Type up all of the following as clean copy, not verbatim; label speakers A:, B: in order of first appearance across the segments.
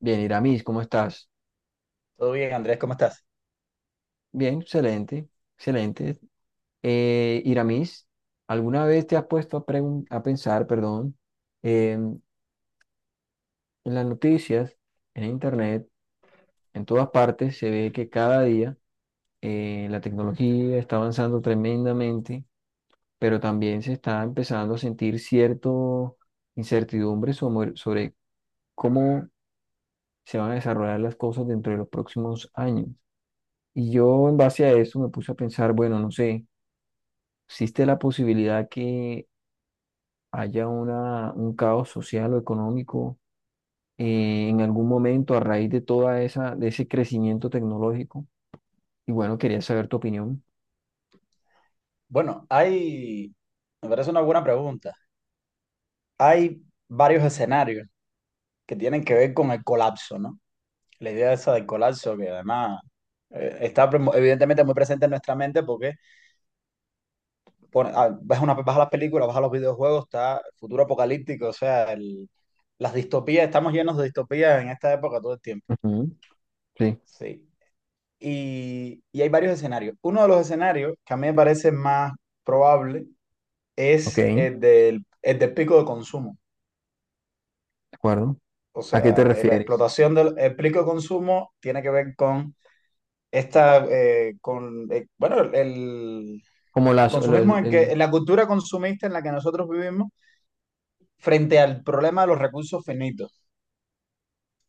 A: Bien, Iramis, ¿cómo estás?
B: Todo bien, Andrés, ¿cómo estás?
A: Bien, excelente, excelente. Iramis, ¿alguna vez te has puesto a, pensar, perdón, en las noticias, en internet, en todas partes se ve que cada día la tecnología está avanzando tremendamente, pero también se está empezando a sentir cierta incertidumbre sobre cómo se van a desarrollar las cosas dentro de los próximos años. Y yo en base a eso me puse a pensar, bueno, no sé. Existe la posibilidad que haya una, un caos social o económico, en algún momento a raíz de toda esa, de ese crecimiento tecnológico. Y bueno, quería saber tu opinión.
B: Bueno, me parece una buena pregunta. Hay varios escenarios que tienen que ver con el colapso, ¿no? La idea esa del colapso que además está evidentemente muy presente en nuestra mente porque vas a las películas, vas a los videojuegos, está futuro apocalíptico, o sea, las distopías, estamos llenos de distopías en esta época todo el tiempo.
A: Ujú. Sí.
B: Sí. Y hay varios escenarios. Uno de los escenarios que a mí me parece más probable
A: Ok,
B: es
A: de
B: el del pico de consumo.
A: acuerdo.
B: O
A: ¿A qué te
B: sea, la
A: refieres?
B: explotación del el pico de consumo tiene que ver con bueno, el,
A: Como
B: el
A: las, el,
B: consumismo
A: el- el-
B: en la cultura consumista en la que nosotros vivimos frente al problema de los recursos finitos.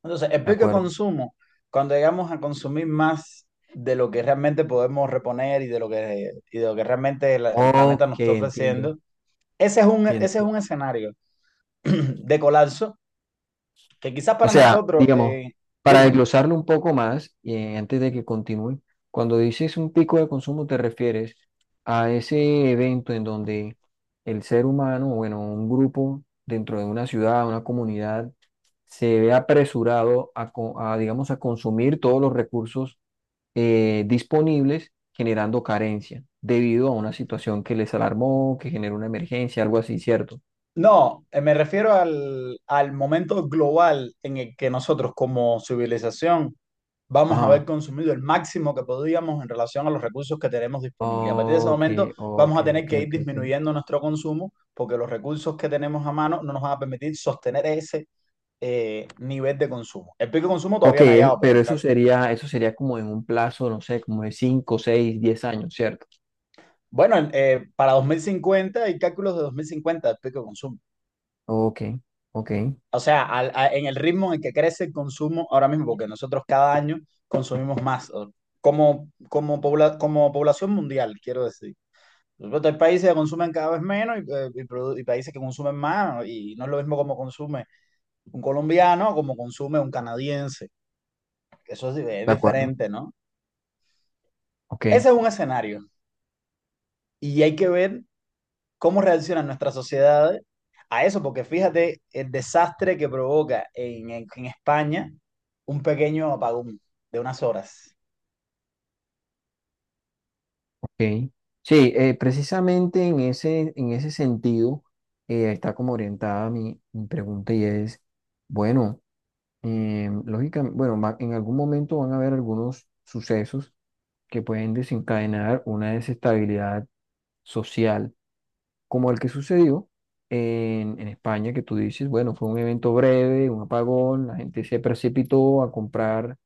B: Entonces, el
A: De
B: pico de
A: acuerdo.
B: consumo, cuando llegamos a consumir más de lo que realmente podemos reponer y de lo que realmente el planeta
A: Ok,
B: nos está
A: entiendo,
B: ofreciendo, ese es un,
A: entiendo.
B: ese es un escenario de colapso que quizás
A: O
B: para
A: sea,
B: nosotros,
A: digamos, para
B: dime.
A: desglosarlo un poco más y antes de que continúe, cuando dices un pico de consumo te refieres a ese evento en donde el ser humano, bueno, un grupo dentro de una ciudad, una comunidad, se ve apresurado a, digamos, a consumir todos los recursos disponibles, generando carencia debido a una situación que les alarmó, que generó una emergencia, algo así, ¿cierto?
B: No, me refiero al momento global en el que nosotros como civilización vamos a haber
A: Ajá.
B: consumido el máximo que podíamos en relación a los recursos que tenemos disponibles. A partir de ese
A: Ok,
B: momento
A: ok,
B: vamos a tener
A: ok,
B: que ir
A: ok, ok.
B: disminuyendo nuestro consumo porque los recursos que tenemos a mano no nos van a permitir sostener ese nivel de consumo. El pico de consumo
A: Ok,
B: todavía no ha
A: es-
B: llegado, pero
A: pero eso sería como en un plazo, no sé, como de cinco, seis, diez años, ¿cierto?
B: bueno, para 2050 hay cálculos de 2050 del pico de consumo.
A: Ok, ok, de
B: O sea, en el ritmo en el que crece el consumo ahora mismo, porque nosotros cada año consumimos más, como población mundial, quiero decir. Por supuesto, hay países que consumen cada vez menos y países que consumen más, y no es lo mismo como consume un colombiano, como consume un canadiense. Es
A: acuerdo.
B: diferente, ¿no?
A: Ok,
B: Ese es un escenario. Y hay que ver cómo reacciona nuestra sociedad a eso, porque fíjate el desastre que provoca en España un pequeño apagón de unas horas.
A: ok. Sí, precisamente en ese sentido está como orientada mi, mi pregunta y es, bueno, lógicamente, bueno, va- en algún momento van a haber algunos sucesos que pueden desencadenar una desestabilidad social como el que sucedió en España, que tú dices, bueno, fue un evento breve, un apagón, la gente se precipitó a comprar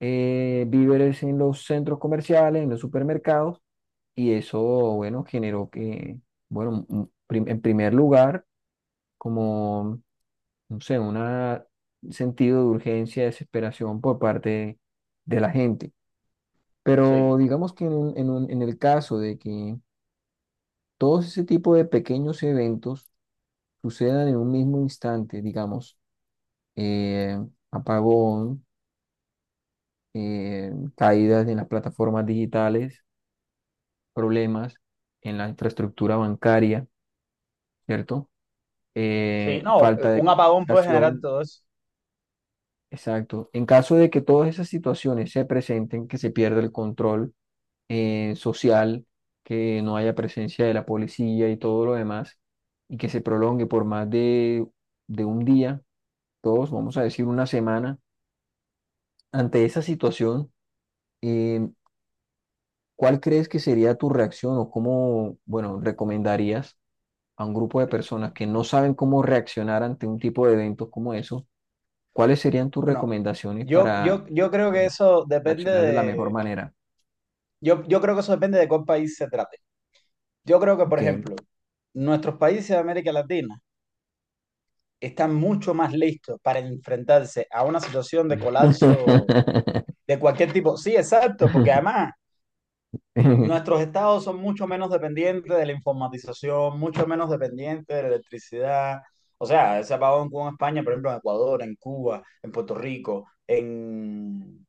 A: víveres en los centros comerciales, en los supermercados, y eso, bueno, generó que, bueno, un- prim- en primer lugar, como, no sé, una- un sentido de urgencia, desesperación por parte de la gente. Pero
B: Sí,
A: digamos que en un- en un- en el caso de que todos ese tipo de pequeños eventos, sucedan en un mismo instante, digamos, eh, apagón, caídas en las plataformas digitales, problemas en la infraestructura bancaria, ¿cierto?
B: sí, no,
A: Falta de
B: un apagón puede generar
A: comunicación,
B: todo eso.
A: exacto. En caso de que todas esas situaciones se presenten, que se pierda el control social, que no haya presencia de la policía y todo lo demás, y que se prolongue por más de un día, todos, vamos a decir una semana. Ante esa situación, eh, ¿cuál crees que sería tu reacción o cómo, bueno, recomendarías a un grupo de personas que no saben cómo reaccionar ante un tipo de eventos como eso? ¿Cuáles serían tus
B: Bueno,
A: recomendaciones
B: yo,
A: para
B: yo, yo creo que
A: eh,
B: eso depende
A: reaccionar de la mejor
B: de,
A: manera?
B: yo creo que eso depende de cuál país se trate. Yo creo que, por
A: Ok.
B: ejemplo, nuestros países de América Latina están mucho más listos para enfrentarse a una situación de colapso de cualquier tipo. Sí, exacto, porque además nuestros estados son mucho menos dependientes de la informatización, mucho menos dependientes de la electricidad. O sea, ese apagón que hubo en España, por ejemplo, en Ecuador, en Cuba, en Puerto Rico, en...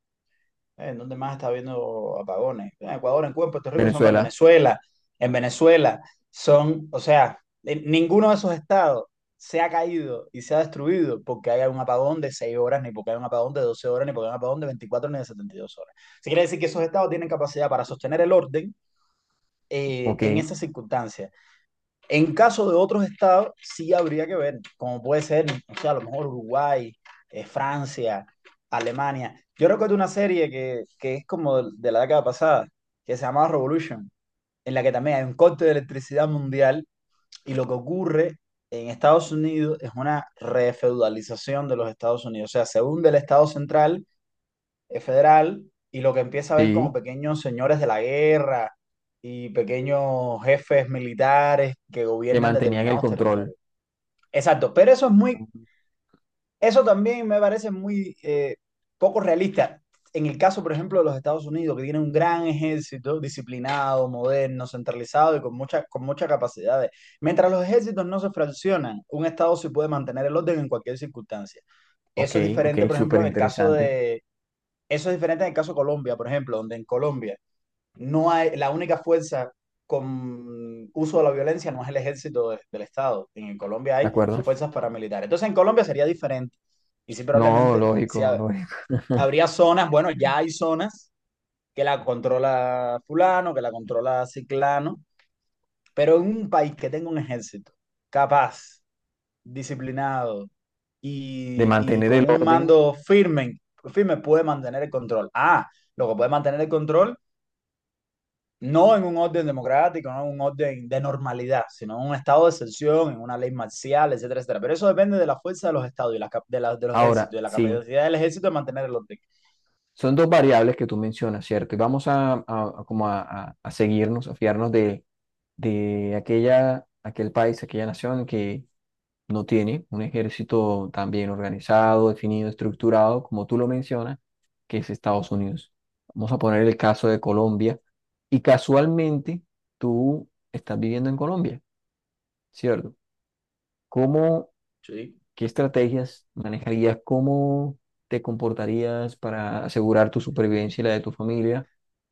B: eh, ¿en dónde más está habiendo apagones? En Ecuador, en Cuba, en Puerto Rico, son en
A: Venezuela,
B: Venezuela. En Venezuela o sea, en ninguno de esos estados se ha caído y se ha destruido porque haya un apagón de 6 horas, ni porque haya un apagón de 12 horas, ni porque haya un apagón de 24 ni de 72 horas. Se quiere decir que esos estados tienen capacidad para sostener el orden en
A: ok,
B: esas circunstancias. En caso de otros estados, sí habría que ver, como puede ser, o sea, a lo mejor Uruguay, Francia, Alemania. Yo recuerdo una serie que es como de la década pasada, que se llamaba Revolution, en la que también hay un corte de electricidad mundial y lo que ocurre en Estados Unidos es una refeudalización de los Estados Unidos. O sea, se hunde el Estado central, federal, y lo que empieza a ver como
A: sí,
B: pequeños señores de la guerra y pequeños jefes militares que
A: que
B: gobiernan
A: mantenían el
B: determinados
A: control.
B: territorios. Exacto, pero eso también me parece muy poco realista. En el caso, por ejemplo, de los Estados Unidos, que tiene un gran ejército disciplinado, moderno, centralizado y con muchas capacidades. Mientras los ejércitos no se fraccionan, un Estado sí puede mantener el orden en cualquier circunstancia.
A: Ok,
B: Eso es
A: ok,
B: diferente, por
A: súper
B: ejemplo, en el caso
A: interesante,
B: de, Eso es diferente en el caso de Colombia, por ejemplo, donde en Colombia no hay, la única fuerza con uso de la violencia no es el ejército del Estado. En Colombia
A: ¿de
B: hay
A: acuerdo?
B: fuerzas paramilitares. Entonces en Colombia sería diferente. Y sí,
A: No,
B: probablemente si
A: lógico,
B: ha-
A: lógico.
B: habría zonas, bueno, ya hay zonas que la controla fulano, que la controla ciclano, pero en un país que tenga un ejército capaz, disciplinado
A: De
B: y
A: mantener el
B: con un
A: orden.
B: mando firme, firme puede mantener el control. Ah, lo que puede mantener el control, no en un orden democrático, no en un orden de normalidad, sino en un estado de excepción, en una ley marcial, etcétera, etcétera. Pero eso depende de la fuerza de los estados y de los
A: Ahora,
B: ejércitos, de la
A: sí,
B: capacidad del ejército de mantener el orden.
A: son dos variables que tú mencionas, ¿cierto? Y vamos a como a seguirnos, a fiarnos de aquella, aquel país, aquella nación que no tiene un ejército tan bien organizado, definido, estructurado, como tú lo mencionas, que es Estados Unidos. Vamos a poner el caso de Colombia. Y casualmente, tú estás viviendo en Colombia, ¿cierto? ¿Cómo?
B: Sí.
A: ¿Qué estrategias manejarías? ¿Cómo te comportarías para asegurar tu supervivencia y la de tu familia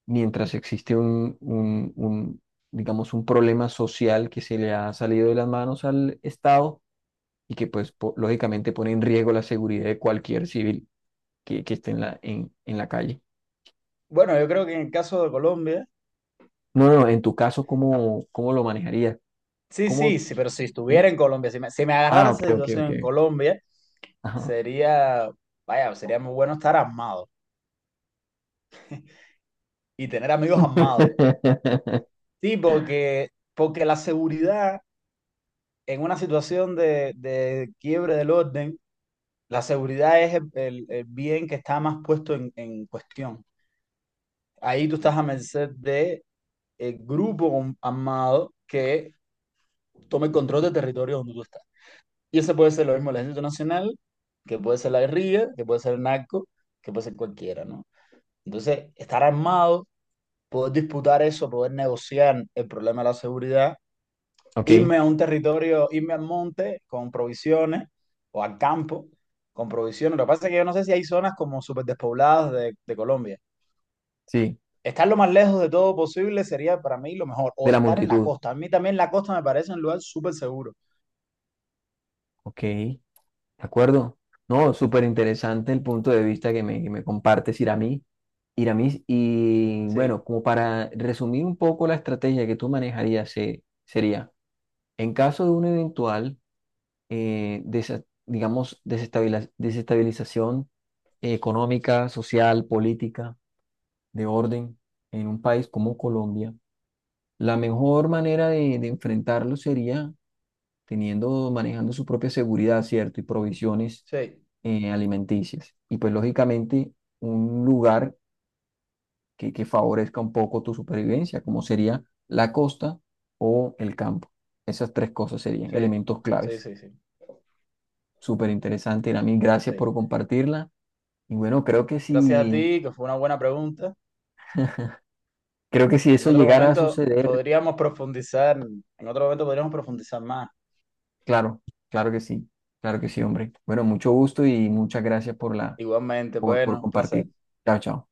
A: mientras existe un, digamos, un problema social que se le ha salido de las manos al Estado y que, pues, po- lógicamente pone en riesgo la seguridad de cualquier civil que esté en la calle?
B: Bueno, yo creo que en el caso de Colombia,
A: No, no, en tu caso, ¿cómo, cómo lo manejarías?
B: sí,
A: ¿Cómo,
B: sí, sí, pero si
A: sí?
B: estuviera en Colombia, si me agarrara
A: Ah, ok,
B: esa
A: ok,
B: situación
A: ok.
B: en Colombia,
A: Ajá.
B: sería, vaya, sería muy bueno estar armado y tener amigos armados. Sí, porque la seguridad en una situación de quiebre del orden, la seguridad es el bien que está más puesto en cuestión. Ahí tú estás a merced de el grupo armado que tome el control del territorio donde tú estás. Y ese puede ser lo mismo el Ejército Nacional, que puede ser la guerrilla, que puede ser el narco, que puede ser cualquiera, ¿no? Entonces, estar armado, poder disputar eso, poder negociar el problema de la seguridad,
A: Ok,
B: irme a un territorio, irme al monte con provisiones o al campo con provisiones. Lo que pasa es que yo no sé si hay zonas como súper despobladas de Colombia.
A: sí,
B: Estar lo más lejos de todo posible sería para mí lo mejor. O
A: de la
B: estar en la
A: multitud.
B: costa. A mí también la costa me parece un lugar súper seguro.
A: Ok. ¿De acuerdo? No, súper interesante el punto de vista que me compartes, Iramis. Iramis, y bueno,
B: Sí,
A: como para resumir un poco la estrategia que tú manejarías, se- sería, en caso de una eventual, desa- digamos, desestabila- desestabilización económica, social, política, de orden en un país como Colombia, la mejor manera de enfrentarlo sería teniendo, manejando su propia seguridad, ¿cierto? Y provisiones
B: sí,
A: alimenticias. Y pues lógicamente un lugar que favorezca un poco tu supervivencia, como sería la costa o el campo. Esas tres cosas serían
B: sí,
A: elementos
B: sí,
A: claves.
B: sí, sí,
A: Súper interesante, Irami. Gracias por
B: sí.
A: compartirla. Y bueno,
B: Gracias a ti, que fue una buena pregunta.
A: creo que si
B: En
A: eso
B: otro
A: llegara a
B: momento
A: suceder,
B: podríamos profundizar, en otro momento podríamos profundizar más.
A: claro, claro que sí, claro que sí, hombre. Bueno, mucho gusto y muchas gracias por la,
B: Igualmente,
A: por
B: bueno, un placer.
A: compartir. Chao, chao.